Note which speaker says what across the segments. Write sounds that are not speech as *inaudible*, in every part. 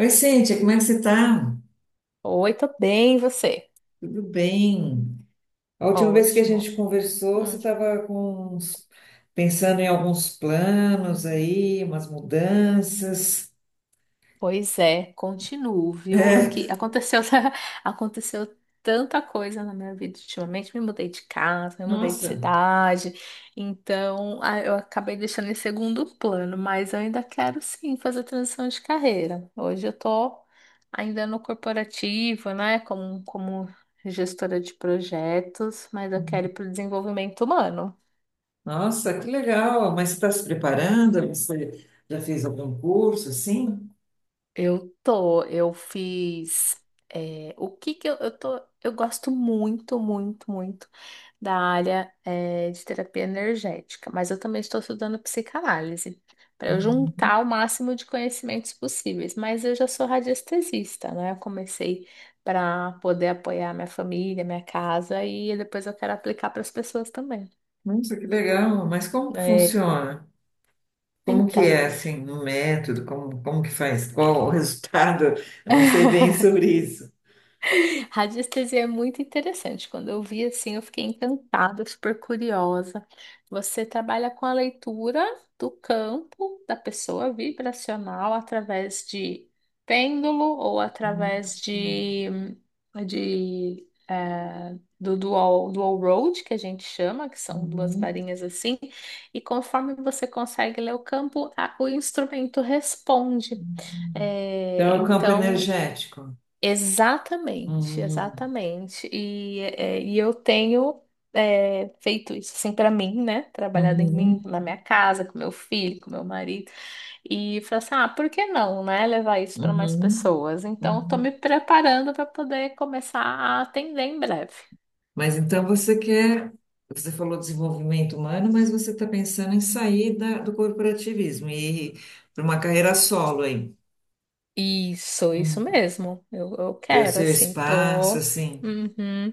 Speaker 1: Oi, Cíntia, como é que você tá?
Speaker 2: Oi, tô bem, e você?
Speaker 1: Tudo bem? A última vez que a
Speaker 2: Ótimo.
Speaker 1: gente conversou, você
Speaker 2: Hum,
Speaker 1: estava com pensando em alguns planos aí, umas mudanças.
Speaker 2: pois é, continuo, viu? É que aconteceu, *laughs* aconteceu tanta coisa na minha vida ultimamente. Me mudei de casa, me mudei de
Speaker 1: Nossa,
Speaker 2: cidade, então eu acabei deixando em segundo plano, mas eu ainda quero sim fazer transição de carreira. Hoje eu tô ainda no corporativo, né? Como gestora de projetos, mas eu quero ir para o desenvolvimento humano.
Speaker 1: nossa, que legal! Mas você está se preparando? Você já fez algum curso, assim?
Speaker 2: Eu fiz. O que que eu tô. Eu gosto muito, muito, muito da área, de terapia energética, mas eu também estou estudando psicanálise, para eu juntar o máximo de conhecimentos possíveis. Mas eu já sou radiestesista, né? Eu comecei para poder apoiar minha família, minha casa, e depois eu quero aplicar para as pessoas também.
Speaker 1: Nossa, que legal! Mas como que
Speaker 2: É,
Speaker 1: funciona? Como que
Speaker 2: então.
Speaker 1: é, assim, o método? Como que faz? Qual o *laughs* resultado? Eu não sei bem
Speaker 2: *laughs*
Speaker 1: sobre isso.
Speaker 2: *laughs* Radiestesia é muito interessante. Quando eu vi assim, eu fiquei encantada, super curiosa. Você trabalha com a leitura do campo da pessoa vibracional através de pêndulo ou
Speaker 1: Hum,
Speaker 2: através do dual, dual road, que a gente chama, que são duas
Speaker 1: uhum.
Speaker 2: varinhas assim, e conforme você consegue ler o campo, o instrumento responde. É,
Speaker 1: Então, é o campo
Speaker 2: então,
Speaker 1: energético.
Speaker 2: exatamente,
Speaker 1: Uhum,
Speaker 2: exatamente. E eu tenho feito isso assim para mim, né? Trabalhado em mim,
Speaker 1: uhum,
Speaker 2: na minha casa, com meu filho, com meu marido. E falei assim: ah, por que não, né? Levar isso para mais
Speaker 1: uhum,
Speaker 2: pessoas. Então, estou
Speaker 1: uhum.
Speaker 2: me preparando para poder começar a atender em breve.
Speaker 1: Mas então você falou desenvolvimento humano, mas você está pensando em sair do corporativismo e ir para uma carreira solo aí.
Speaker 2: Isso
Speaker 1: Uhum.
Speaker 2: mesmo. Eu
Speaker 1: Ter o
Speaker 2: quero,
Speaker 1: seu
Speaker 2: assim,
Speaker 1: espaço,
Speaker 2: tô.
Speaker 1: assim.
Speaker 2: Uhum.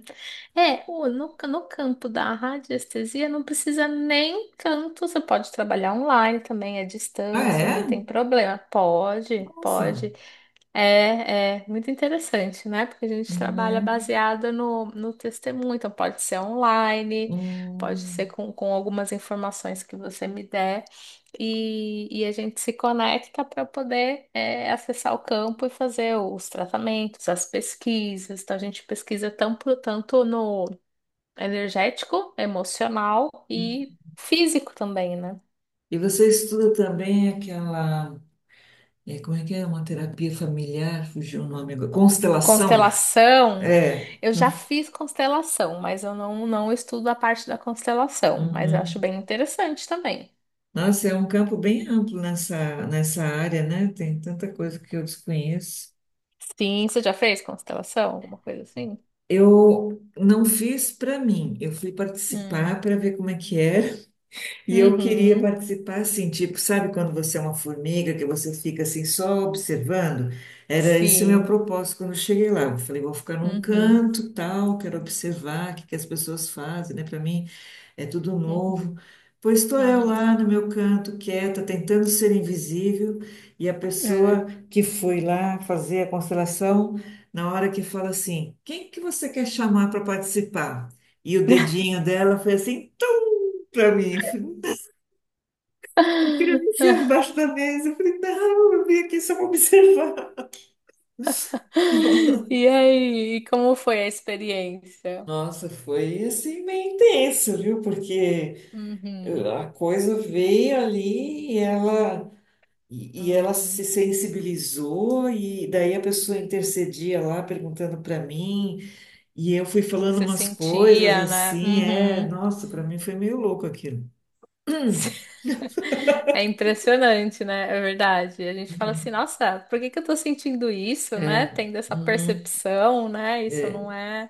Speaker 2: É, no campo da radiestesia não precisa nem tanto. Você pode trabalhar online também, à
Speaker 1: Ah,
Speaker 2: distância,
Speaker 1: é?
Speaker 2: não tem problema. Pode,
Speaker 1: Nossa.
Speaker 2: pode. É, é muito interessante, né? Porque a gente trabalha
Speaker 1: Uhum,
Speaker 2: baseada no testemunho, então pode ser online, pode ser
Speaker 1: uhum.
Speaker 2: com algumas informações que você me der, e a gente se conecta para poder acessar o campo e fazer os tratamentos, as pesquisas. Então a gente pesquisa tanto, tanto no energético, emocional e físico também, né?
Speaker 1: E você estuda também aquela, como é que é? Uma terapia familiar, fugiu o nome agora. Constelação?
Speaker 2: Constelação,
Speaker 1: É.
Speaker 2: eu já fiz constelação, mas eu não estudo a parte da constelação, mas eu acho
Speaker 1: Uhum.
Speaker 2: bem interessante também.
Speaker 1: Nossa, é um campo bem
Speaker 2: Sim.
Speaker 1: amplo nessa área, né? Tem tanta coisa que eu desconheço.
Speaker 2: Sim, você já fez constelação? Alguma coisa assim?
Speaker 1: Eu não fiz para mim, eu fui participar
Speaker 2: Hum.
Speaker 1: para ver como é que era. E eu queria
Speaker 2: Uhum.
Speaker 1: participar assim, tipo, sabe quando você é uma formiga, que você fica assim só observando? Era esse o meu
Speaker 2: Sim.
Speaker 1: propósito quando eu cheguei lá. Eu falei, vou ficar num
Speaker 2: Uhum.
Speaker 1: canto, tal, quero observar o que que as pessoas fazem, né? Para mim é tudo novo.
Speaker 2: Uhum.
Speaker 1: Pois estou eu
Speaker 2: Uhum.
Speaker 1: lá no meu canto, quieta, tentando ser invisível, e a
Speaker 2: Hum.
Speaker 1: pessoa que foi lá fazer a constelação, na hora que fala assim, quem que você quer chamar para participar? E o dedinho dela foi assim *laughs* para mim. Eu queria me enfiar
Speaker 2: *laughs*
Speaker 1: debaixo da mesa. Eu falei, não, eu vim aqui só para observar. *laughs*
Speaker 2: E aí, como foi a experiência?
Speaker 1: Nossa, foi assim meio intenso, viu? Porque
Speaker 2: Uhum.
Speaker 1: a coisa veio ali e ela, e ela
Speaker 2: Uhum.
Speaker 1: se
Speaker 2: O
Speaker 1: sensibilizou, e daí a pessoa intercedia lá perguntando para mim, e eu fui
Speaker 2: que que
Speaker 1: falando
Speaker 2: você
Speaker 1: umas coisas
Speaker 2: sentia, né?
Speaker 1: assim,
Speaker 2: Uhum.
Speaker 1: nossa, para mim foi meio louco aquilo. Uhum.
Speaker 2: *laughs* É impressionante, né? É verdade. A gente fala assim, nossa, por que que eu tô sentindo isso, né?
Speaker 1: É,
Speaker 2: Tendo essa
Speaker 1: uhum,
Speaker 2: percepção, né? Isso
Speaker 1: é.
Speaker 2: não é...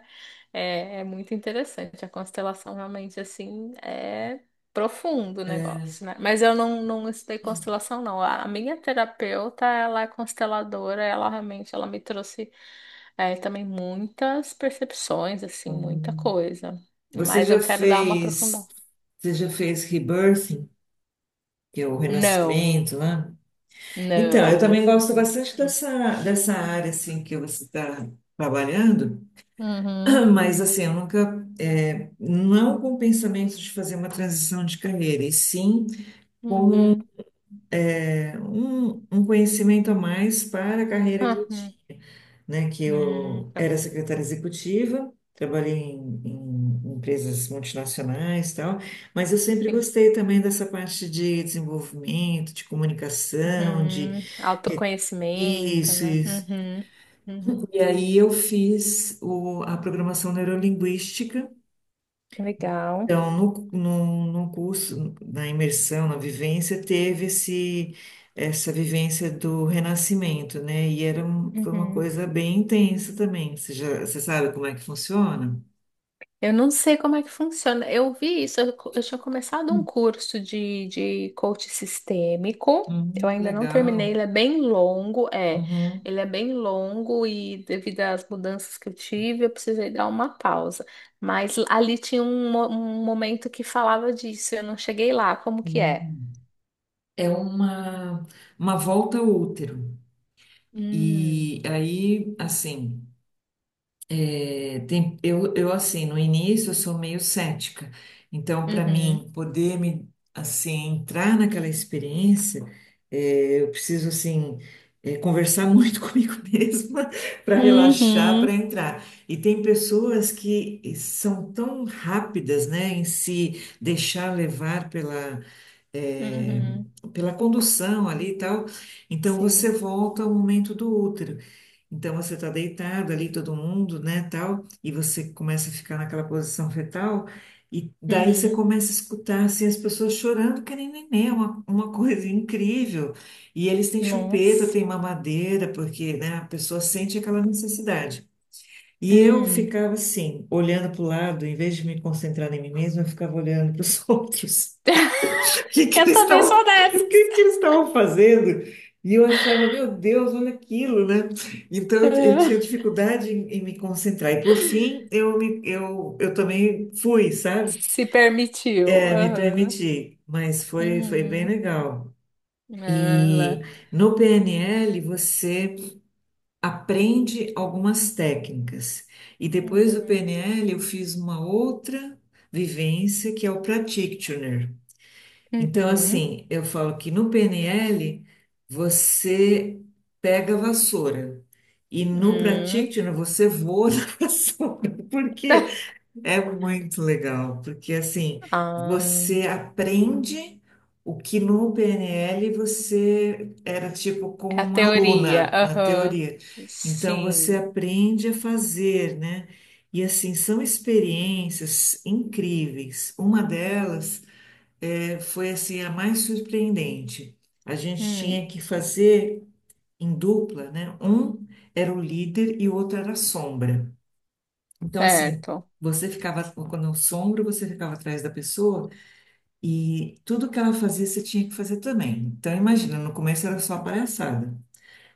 Speaker 2: É, é muito interessante. A constelação realmente, assim, é profundo o
Speaker 1: É, é.
Speaker 2: negócio, né? Mas eu não estudei constelação, não. A minha terapeuta, ela é consteladora, ela realmente, ela me trouxe também muitas percepções, assim, muita coisa.
Speaker 1: Você
Speaker 2: Mas
Speaker 1: já
Speaker 2: eu quero dar uma aprofundada.
Speaker 1: fez, você já fez rebirthing, que é o
Speaker 2: Não,
Speaker 1: renascimento, né? Então, eu
Speaker 2: não
Speaker 1: também
Speaker 2: fiz
Speaker 1: gosto
Speaker 2: ainda.
Speaker 1: bastante
Speaker 2: Hum.
Speaker 1: dessa, área assim que você está trabalhando,
Speaker 2: Uhum,
Speaker 1: *clears throat* mas assim, eu nunca não com o pensamento de fazer uma transição de carreira, e sim
Speaker 2: uhum.
Speaker 1: um, conhecimento a mais para a carreira que
Speaker 2: Ah,
Speaker 1: eu tinha, né? Que eu
Speaker 2: tá.
Speaker 1: era secretária executiva, trabalhei em empresas multinacionais e tal, mas eu sempre
Speaker 2: Sim.
Speaker 1: gostei também dessa parte de desenvolvimento, de comunicação, de
Speaker 2: Uhum. Autoconhecimento,
Speaker 1: isso,
Speaker 2: né?
Speaker 1: isso.
Speaker 2: Uhum, uhum.
Speaker 1: E aí eu fiz a programação neurolinguística,
Speaker 2: Legal.
Speaker 1: então, no, no curso, na imersão, na vivência, teve essa vivência do renascimento, né? E foi uma
Speaker 2: Uhum.
Speaker 1: coisa bem intensa também. Você sabe como é que funciona?
Speaker 2: Eu não sei como é que funciona. Eu vi isso, eu tinha começado um curso de coach sistêmico. Eu
Speaker 1: Uhum, que
Speaker 2: ainda não terminei,
Speaker 1: legal.
Speaker 2: ele é bem longo, é.
Speaker 1: Uhum.
Speaker 2: Ele é bem longo e devido às mudanças que eu tive, eu precisei dar uma pausa. Mas ali tinha um momento que falava disso, eu não cheguei lá, como que é?
Speaker 1: Uhum. É uma volta ao útero.
Speaker 2: Hum,
Speaker 1: E aí, assim. É, assim, no início eu sou meio cética, então para
Speaker 2: uhum,
Speaker 1: mim poder me, assim, entrar naquela experiência, eu preciso, assim, conversar muito *laughs* comigo mesma para relaxar, para
Speaker 2: uhum,
Speaker 1: entrar. E tem pessoas que são tão rápidas, né, em se deixar levar pela é,
Speaker 2: uhum,
Speaker 1: pela condução ali e tal. Então você
Speaker 2: sim,
Speaker 1: volta ao momento do útero. Então você está deitado ali, todo mundo, né, tal, e você começa a ficar naquela posição fetal, e daí você
Speaker 2: uhum,
Speaker 1: começa a escutar assim, as pessoas chorando, que nem neném, é uma, coisa incrível. E eles têm chupeta,
Speaker 2: nossa,
Speaker 1: têm mamadeira, porque, né, a pessoa sente aquela necessidade. E eu
Speaker 2: hum.
Speaker 1: ficava assim, olhando para o lado, em vez de me concentrar em mim mesma, eu ficava olhando para os *laughs* outros. O que
Speaker 2: *laughs*
Speaker 1: que
Speaker 2: Eu
Speaker 1: eles
Speaker 2: também
Speaker 1: estavam,
Speaker 2: sou
Speaker 1: o que
Speaker 2: dessa.
Speaker 1: que eles estavam fazendo? E eu achava, meu Deus, olha aquilo, né? Então eu,
Speaker 2: Ah,
Speaker 1: tinha dificuldade em me concentrar. E por fim, eu também fui, sabe?
Speaker 2: se permitiu.
Speaker 1: É, me
Speaker 2: Aham.
Speaker 1: permiti, mas foi bem
Speaker 2: Uhum.
Speaker 1: legal.
Speaker 2: Ah, lá.
Speaker 1: E no PNL você aprende algumas técnicas. E depois do
Speaker 2: Uhum.
Speaker 1: PNL eu fiz uma outra vivência que é o practitioner. Então,
Speaker 2: Uhum.
Speaker 1: assim,
Speaker 2: *laughs*
Speaker 1: eu falo que no PNL você pega a vassoura e no
Speaker 2: Hum.
Speaker 1: Practitioner você voa *laughs* na vassoura, porque é muito legal, porque assim,
Speaker 2: Ah,
Speaker 1: você aprende o que no PNL você era tipo como
Speaker 2: é a
Speaker 1: uma
Speaker 2: teoria.
Speaker 1: aluna na
Speaker 2: Aham.
Speaker 1: teoria. Então, você
Speaker 2: Sim.
Speaker 1: aprende a fazer, né? E assim, são experiências incríveis. Uma delas foi assim a mais surpreendente. A gente tinha
Speaker 2: Hum.
Speaker 1: que fazer em dupla, né? Um era o líder e o outro era a sombra. Então, assim,
Speaker 2: Certo.
Speaker 1: você ficava, quando o sombra, você ficava atrás da pessoa e tudo que ela fazia, você tinha que fazer também. Então, imagina, no começo era só palhaçada,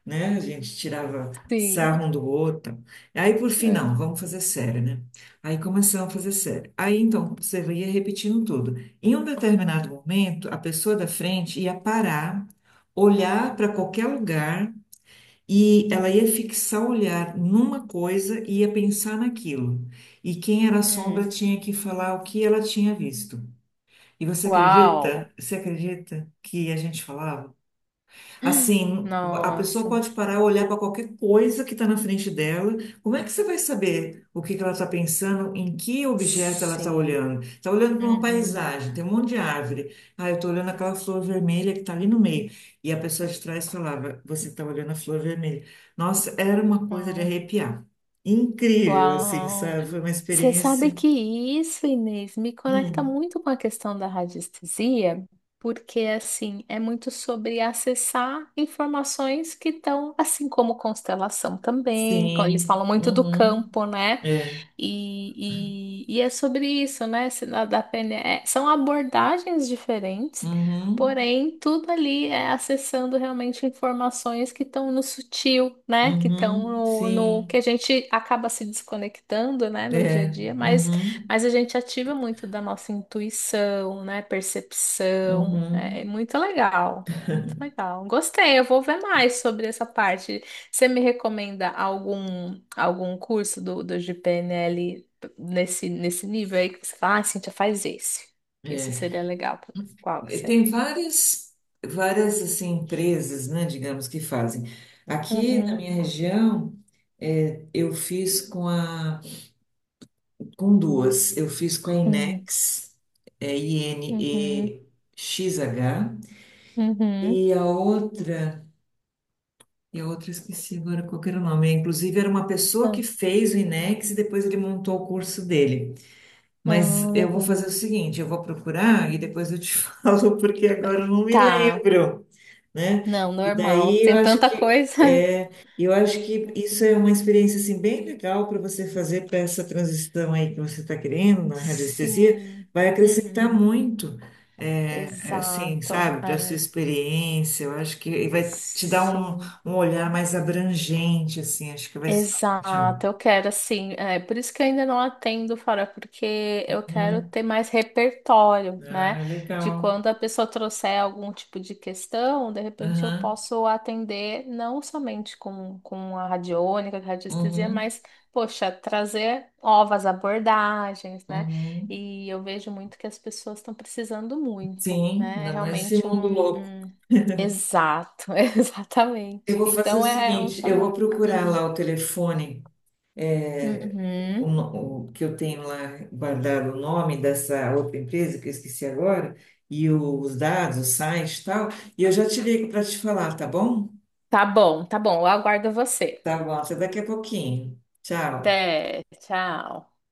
Speaker 1: né? A gente tirava
Speaker 2: Sim.
Speaker 1: sarro um do outro. Aí, por fim,
Speaker 2: É.
Speaker 1: não, vamos fazer sério, né? Aí começamos a fazer sério. Aí, então, você ia repetindo tudo. Em um determinado momento, a pessoa da frente ia parar, olhar para qualquer lugar e ela ia fixar o olhar numa coisa e ia pensar naquilo. E quem era a sombra
Speaker 2: Hum.
Speaker 1: tinha que falar o que ela tinha visto. E você acredita?
Speaker 2: Uau.
Speaker 1: Você acredita que a gente falava? Assim, a pessoa
Speaker 2: Nossa.
Speaker 1: pode parar e olhar para qualquer coisa que está na frente dela. Como é que você vai saber o que que ela está pensando, em que objeto ela está
Speaker 2: Sim.
Speaker 1: olhando? Está olhando para uma
Speaker 2: Uhum.
Speaker 1: paisagem, tem um monte de árvore. Ah, eu estou olhando aquela flor vermelha que está ali no meio. E a pessoa de trás falava: você está olhando a flor vermelha. Nossa, era uma coisa de
Speaker 2: Uau.
Speaker 1: arrepiar. Incrível, assim,
Speaker 2: Uau.
Speaker 1: sabe? Foi uma
Speaker 2: Você sabe
Speaker 1: experiência.
Speaker 2: que isso, Inês, me conecta
Speaker 1: Hum,
Speaker 2: muito com a questão da radiestesia, porque assim, é muito sobre acessar informações que estão, assim como constelação também, eles
Speaker 1: sim.
Speaker 2: falam muito do
Speaker 1: Uhum.
Speaker 2: campo, né?
Speaker 1: É.
Speaker 2: E é sobre isso, né? Se na- Da PNE, é, são abordagens diferentes,
Speaker 1: Uhum.
Speaker 2: porém, tudo ali é acessando realmente informações que estão no sutil, né? Que estão
Speaker 1: Uhum.
Speaker 2: no que
Speaker 1: Sim.
Speaker 2: a gente acaba se desconectando, né? No dia a
Speaker 1: É,
Speaker 2: dia,
Speaker 1: uhum,
Speaker 2: mas a gente ativa muito da nossa intuição, né? Percepção. É, é
Speaker 1: uhum,
Speaker 2: muito legal, muito legal. Gostei, eu vou ver mais sobre essa parte. Você me recomenda algum curso do, do de PNL nesse, nesse nível aí que você fala, ah, Cíntia, faz esse, que esse
Speaker 1: é.
Speaker 2: seria legal. Qual que
Speaker 1: E
Speaker 2: você?
Speaker 1: Tem várias, várias assim, empresas, né, digamos, que fazem. Aqui na
Speaker 2: Uhum,
Speaker 1: minha região, eu fiz com com duas. Eu fiz com a
Speaker 2: uhum,
Speaker 1: Inex,
Speaker 2: uhum,
Speaker 1: INEXH, e
Speaker 2: uhum.
Speaker 1: XH, e a outra, eu esqueci agora qual que era o nome. Inclusive, era uma pessoa
Speaker 2: Tá,
Speaker 1: que fez o Inex e depois ele montou o curso dele. Mas
Speaker 2: ah,
Speaker 1: eu vou fazer o
Speaker 2: legal.
Speaker 1: seguinte, eu vou procurar e depois eu te *laughs* falo, porque agora eu não me
Speaker 2: Tá,
Speaker 1: lembro, né?
Speaker 2: não,
Speaker 1: E
Speaker 2: normal.
Speaker 1: daí eu
Speaker 2: Tem
Speaker 1: acho
Speaker 2: tanta
Speaker 1: que
Speaker 2: coisa.
Speaker 1: é, eu acho que
Speaker 2: *laughs*
Speaker 1: isso é uma experiência assim bem legal para você fazer para essa transição aí que você está querendo na radiestesia,
Speaker 2: Sim.
Speaker 1: vai acrescentar
Speaker 2: Uhum.
Speaker 1: muito, assim,
Speaker 2: Exato.
Speaker 1: sabe, para sua
Speaker 2: É.
Speaker 1: experiência. Eu acho que vai te dar um,
Speaker 2: Sim.
Speaker 1: um olhar mais abrangente, assim. Acho que vai ser ótimo.
Speaker 2: Exato, eu quero assim, é por isso que eu ainda não atendo fora, porque eu quero
Speaker 1: Uhum.
Speaker 2: ter mais repertório, né?
Speaker 1: Ah,
Speaker 2: De
Speaker 1: legal.
Speaker 2: quando a pessoa trouxer algum tipo de questão, de repente eu
Speaker 1: Aham.
Speaker 2: posso atender não somente com a radiônica, com a radiestesia,
Speaker 1: Uhum.
Speaker 2: mas, poxa, trazer novas abordagens, né?
Speaker 1: Uhum.
Speaker 2: E eu vejo muito que as pessoas estão precisando muito,
Speaker 1: Sim,
Speaker 2: né? É
Speaker 1: ainda mais esse
Speaker 2: realmente
Speaker 1: mundo
Speaker 2: um...
Speaker 1: louco.
Speaker 2: um- exato, *laughs*
Speaker 1: Eu
Speaker 2: exatamente.
Speaker 1: vou fazer o
Speaker 2: Então é é um
Speaker 1: seguinte, eu vou
Speaker 2: chamado.
Speaker 1: procurar
Speaker 2: Uhum.
Speaker 1: lá o telefone é, o,
Speaker 2: Uhum.
Speaker 1: no- o que eu tenho lá guardado o nome dessa outra empresa que eu esqueci agora e os dados, o site e tal, e eu já te ligo para te falar, tá bom?
Speaker 2: Tá bom, tá bom. Eu aguardo você.
Speaker 1: Tá bom, até daqui a pouquinho. Tchau.
Speaker 2: Até, tchau.